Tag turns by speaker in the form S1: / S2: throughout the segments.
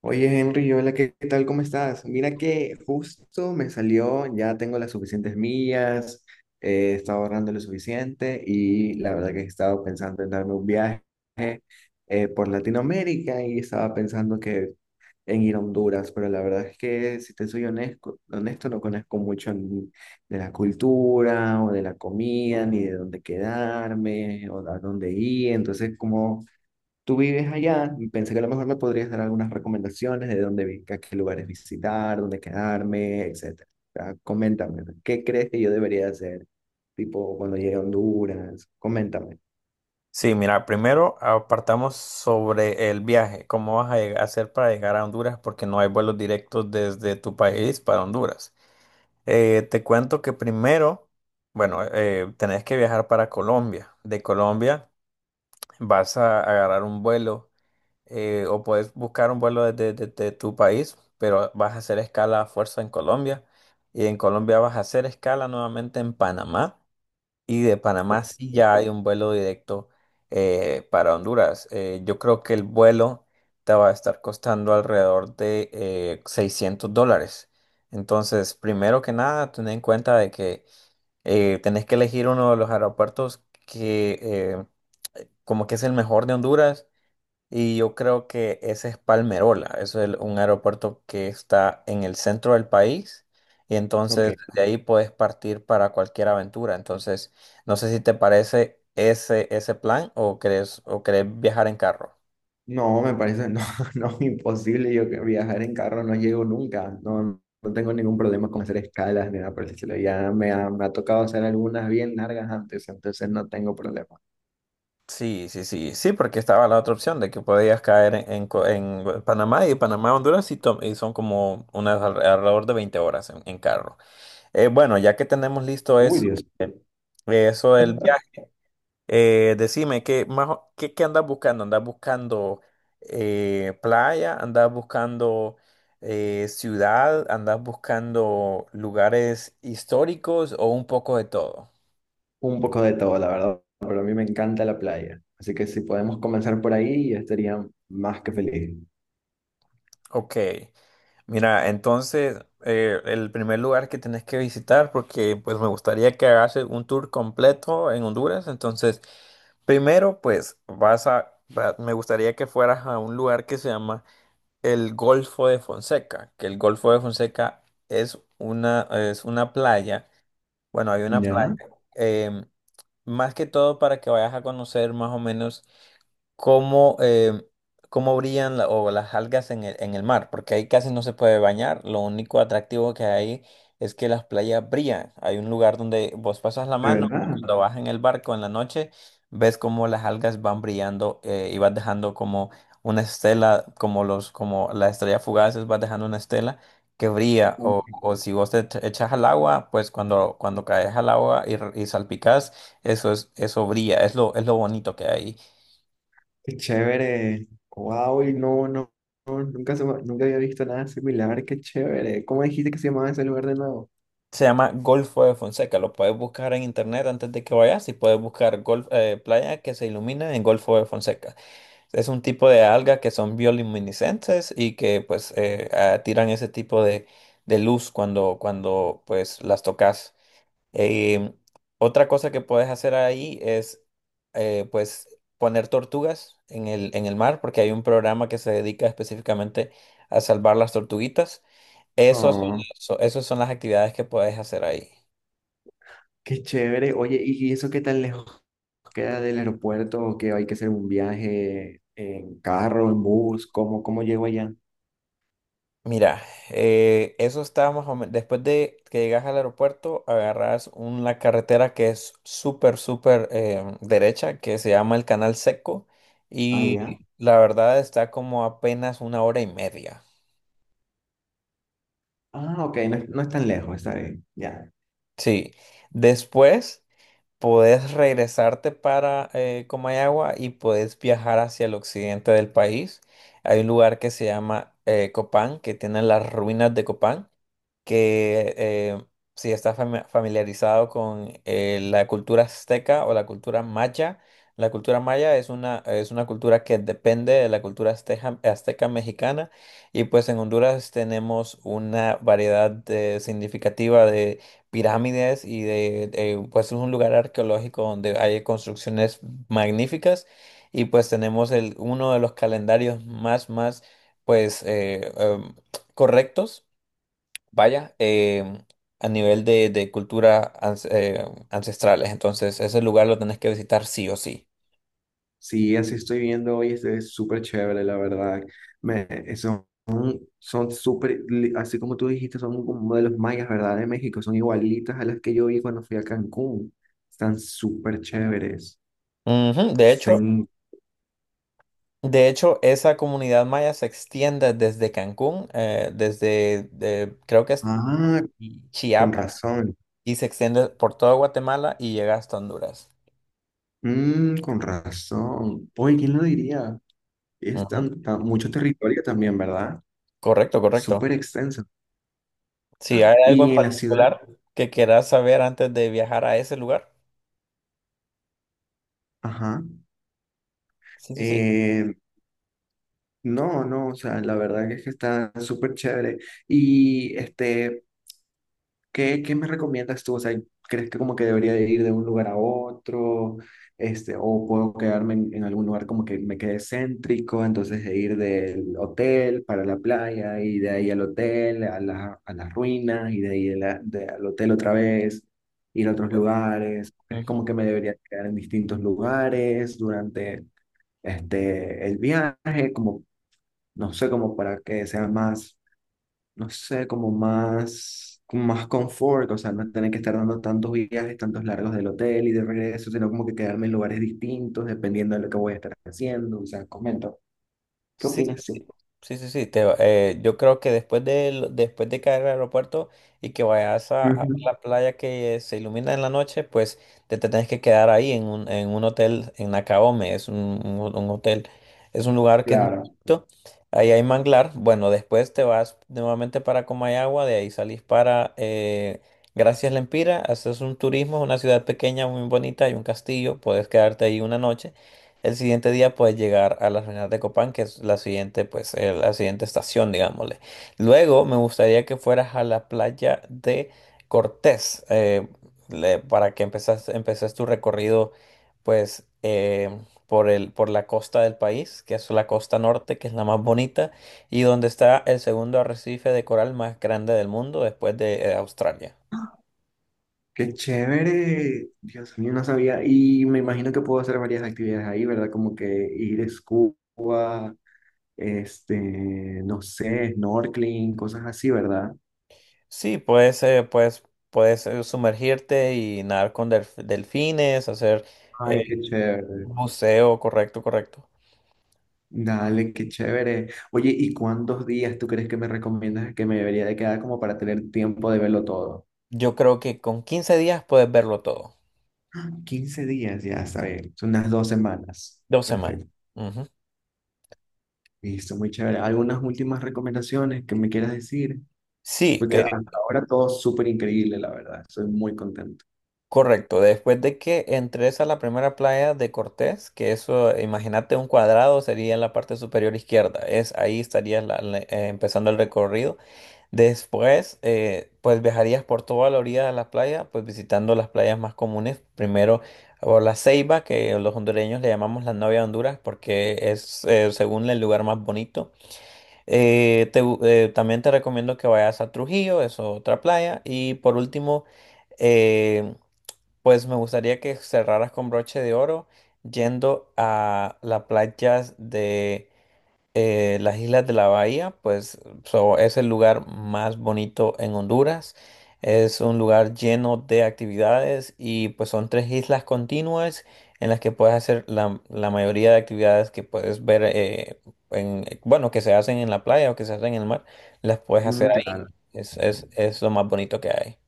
S1: Oye, Henry, hola, ¿qué tal? ¿Cómo estás? Mira que justo me salió, ya tengo las suficientes millas, he estado ahorrando lo suficiente y la verdad que he estado pensando en darme un viaje por Latinoamérica y estaba pensando que en ir a Honduras, pero la verdad es que, si te soy honesto, honesto, no conozco mucho ni de la cultura o de la comida, ni de dónde quedarme o a dónde ir, entonces como... Tú vives allá y pensé que a lo mejor me podrías dar algunas recomendaciones de a qué lugares visitar, dónde quedarme, etcétera. O sea, coméntame, ¿no? ¿Qué crees que yo debería hacer? Tipo, cuando llegue a Honduras, coméntame.
S2: Sí, mira, primero apartamos sobre el viaje, cómo vas a hacer para llegar a Honduras, porque no hay vuelos directos desde tu país para Honduras. Te cuento que primero, bueno, tenés que viajar para Colombia. De Colombia vas a agarrar un vuelo o puedes buscar un vuelo desde tu país, pero vas a hacer escala a fuerza en Colombia y en Colombia vas a hacer escala nuevamente en Panamá. Y de Panamá
S1: Ok,
S2: sí ya hay un vuelo directo para Honduras. Yo creo que el vuelo te va a estar costando alrededor de $600. Entonces, primero que nada, ten en cuenta de que tenés que elegir uno de los aeropuertos que como que es el mejor de Honduras y yo creo que ese es Palmerola, eso es un aeropuerto que está en el centro del país y
S1: ok.
S2: entonces de ahí puedes partir para cualquier aventura. Entonces, no sé si te parece ese plan o crees, o querés viajar en carro.
S1: No, me parece, no, no, imposible. Yo que viajar en carro no llego nunca. No, no tengo ningún problema con hacer escalas ni nada por el estilo. Ya me ha tocado hacer algunas bien largas antes, entonces no tengo problema.
S2: Sí, sí, sí, sí, porque estaba la otra opción de que podías caer en en Panamá y Panamá, Honduras y y son como unas alrededor de 20 horas en carro. Bueno, ya que tenemos listo
S1: Uy,
S2: eso,
S1: Dios.
S2: eso del viaje. Decime, ¿qué, más, qué, qué andas buscando? ¿Andas buscando playa? ¿Andas buscando ciudad? ¿Andas buscando lugares históricos o un poco de todo?
S1: Un poco de todo, la verdad, pero a mí me encanta la playa. Así que si podemos comenzar por ahí, yo estaría más que feliz.
S2: Ok, mira, entonces el primer lugar que tenés que visitar, porque pues me gustaría que hagas un tour completo en Honduras, entonces primero pues me gustaría que fueras a un lugar que se llama el Golfo de Fonseca, que el Golfo de Fonseca es una playa, bueno, hay una playa,
S1: Ya,
S2: em, más que todo para que vayas a conocer más o menos cómo, cómo brillan o las algas en el mar, porque ahí casi no se puede bañar. Lo único atractivo que hay es que las playas brillan. Hay un lugar donde vos pasas la
S1: de
S2: mano,
S1: verdad.
S2: cuando vas en el barco en la noche, ves cómo las algas van brillando, y vas dejando como una estela, como las estrellas fugaces, vas dejando una estela que brilla. O, o si vos te echas al agua, pues cuando, cuando caes al agua y y salpicas, eso brilla, es lo bonito que hay.
S1: Qué chévere. Wow, y no, no, no, nunca, nunca había visto nada similar. Qué chévere. ¿Cómo dijiste que se llamaba ese lugar de nuevo?
S2: Se llama Golfo de Fonseca. Lo puedes buscar en internet antes de que vayas y puedes buscar golf, playa que se ilumina en Golfo de Fonseca. Es un tipo de alga que son bioluminiscentes y que pues tiran ese tipo de luz cuando, cuando pues las tocas. Eh, Otra cosa que puedes hacer ahí es pues poner tortugas en el mar porque hay un programa que se dedica específicamente a salvar las tortuguitas. Esos,
S1: Oh,
S2: esos son las actividades que puedes hacer ahí.
S1: qué chévere. Oye, ¿y eso qué tan lejos queda del aeropuerto? ¿O qué hay que hacer un viaje en carro, en bus? ¿Cómo, cómo llego allá?
S2: Mira, eso está más o menos. Después de que llegas al aeropuerto, agarras una carretera que es súper, súper derecha, que se llama el Canal Seco.
S1: Ah,
S2: Y
S1: ya.
S2: la verdad está como apenas una hora y media.
S1: Ah, ok, no, no es tan lejos, está bien. Ya.
S2: Sí. Después podés regresarte para Comayagua y podés viajar hacia el occidente del país. Hay un lugar que se llama Copán, que tiene las ruinas de Copán, que si estás familiarizado con la cultura azteca o la cultura maya es una cultura que depende de la cultura azteca mexicana y pues en Honduras tenemos una significativa de pirámides y pues es un lugar arqueológico donde hay construcciones magníficas y pues tenemos el, uno de los calendarios más, más pues correctos. Vaya, a nivel de cultura ancestrales, entonces ese lugar lo tenés que visitar sí o sí.
S1: Sí, así estoy viendo hoy, este es súper chévere, la verdad. Son, son súper, así como tú dijiste, son como de los mayas, ¿verdad? De México, son igualitas a las que yo vi cuando fui a Cancún. Están súper chéveres.
S2: Ujú.
S1: Están...
S2: De hecho, esa comunidad maya se extiende desde Cancún, creo que es
S1: Ah, con
S2: Chiapas,
S1: razón.
S2: y se extiende por toda Guatemala y llega hasta Honduras.
S1: Mm, con razón. Oye, ¿quién lo diría? Es
S2: Ujú.
S1: mucho territorio también, ¿verdad?
S2: Correcto, correcto.
S1: Súper extenso.
S2: Si hay algo
S1: Y
S2: en
S1: en la ciudad,
S2: particular que quieras saber antes de viajar a ese lugar,
S1: ajá.
S2: sí, sí, sí.
S1: eh, No, no, o sea, la verdad que es que está súper chévere. Y este, ¿qué me recomiendas tú? O sea, ¿crees que como que debería de ir de un lugar a otro? Este, o puedo quedarme en algún lugar como que me quede céntrico, entonces de ir del hotel para la playa y de ahí al hotel, a las ruinas y de ahí al hotel otra vez, ir a otros lugares. ¿Crees como que me debería quedar en distintos lugares durante este, el viaje? Como no sé, como para que sea más, no sé, como más confort, o sea, no tener que estar dando tantos viajes, tantos largos del hotel y de regreso, sino como que quedarme en lugares distintos dependiendo de lo que voy a estar haciendo, o sea, comento, ¿qué
S2: Sí, sí,
S1: opinas tú?
S2: sí. Sí, sí, sí, yo creo que después de caer al aeropuerto y que vayas a
S1: Ujú.
S2: la playa que se ilumina en la noche, pues te tenés que quedar ahí en un hotel en Nakaome, es un, un hotel, es un lugar que es muy
S1: Claro,
S2: bonito, ahí hay manglar. Bueno, después te vas nuevamente para Comayagua, de ahí salís para Gracias Lempira, haces un turismo, es una ciudad pequeña muy bonita, hay un castillo, puedes quedarte ahí una noche. El siguiente día puedes llegar a las ruinas de Copán, que es la siguiente, pues, la siguiente estación, digámosle. Luego me gustaría que fueras a la playa de Cortés, para que empeces tu recorrido, pues, por el, por la costa del país, que es la costa norte, que es la más bonita, y donde está el segundo arrecife de coral más grande del mundo después de, Australia.
S1: qué chévere, Dios mío, no sabía, y me imagino que puedo hacer varias actividades ahí, ¿verdad? Como que ir a scuba, este, no sé, snorkeling, cosas así, ¿verdad?
S2: Sí, puedes sumergirte y nadar con delfines, hacer eh,
S1: Ay, qué
S2: un
S1: chévere.
S2: buceo, correcto, correcto.
S1: Dale, qué chévere. Oye, ¿y cuántos días tú crees que me recomiendas que me debería de quedar como para tener tiempo de verlo todo?
S2: Yo creo que con 15 días puedes verlo todo,
S1: 15 días, ya está bien, son unas 2 semanas.
S2: dos semanas.
S1: Perfecto.
S2: Ujú.
S1: Listo, muy chévere. ¿Algunas últimas recomendaciones que me quieras decir?
S2: Sí,
S1: Porque hasta ahora todo súper increíble, la verdad. Estoy muy contento.
S2: correcto. Después de que entres a la primera playa de Cortés, que eso, imagínate un cuadrado, sería en la parte superior izquierda. Es, ahí estarías empezando el recorrido. Después, pues viajarías por toda la orilla de la playa, pues visitando las playas más comunes. Primero por la Ceiba, que los hondureños le llamamos la novia de Honduras porque es, según el lugar más bonito. También te recomiendo que vayas a Trujillo, es otra playa. Y por último, eh, pues me gustaría que cerraras con broche de oro yendo a las playas de las Islas de la Bahía, pues es el lugar más bonito en Honduras. Es un lugar lleno de actividades y pues son tres islas continuas en las que puedes hacer la, la mayoría de actividades que puedes ver, en, bueno, que se hacen en la playa o que se hacen en el mar, las puedes hacer
S1: Mm,
S2: ahí.
S1: claro.
S2: Es lo más bonito que hay.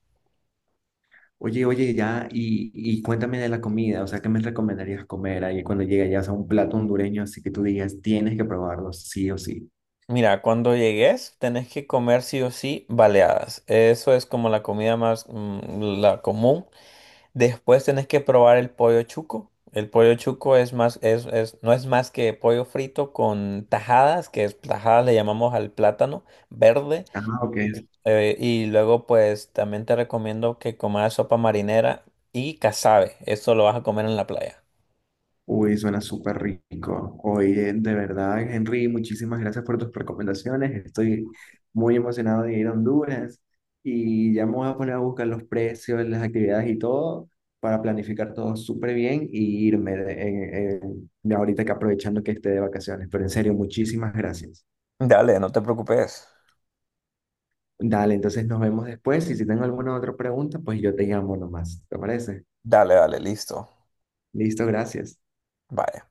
S1: Oye, oye, ya, y cuéntame de la comida. O sea, ¿qué me recomendarías comer ahí cuando llegue ya, a un plato hondureño? Así que tú digas, tienes que probarlo, sí o sí.
S2: Mira, cuando llegues tenés que comer sí o sí baleadas. Eso es como la comida más, la común. Después tenés que probar el pollo chuco. El pollo chuco es más, no es más que pollo frito con tajadas, que es, tajadas le llamamos al plátano verde.
S1: Ah, ok.
S2: Y luego pues también te recomiendo que comas sopa marinera y casabe. Esto lo vas a comer en la playa.
S1: Uy, suena súper rico. Oye, de verdad, Henry, muchísimas gracias por tus recomendaciones. Estoy muy emocionado de ir a Honduras y ya me voy a poner a buscar los precios, las actividades y todo para planificar todo súper bien y irme ahorita que aprovechando que esté de vacaciones. Pero en serio, muchísimas gracias.
S2: Dale, no te preocupes.
S1: Dale, entonces nos vemos después y si tengo alguna otra pregunta, pues yo te llamo nomás. ¿Te parece?
S2: Dale, dale, listo.
S1: Listo, gracias.
S2: Bye.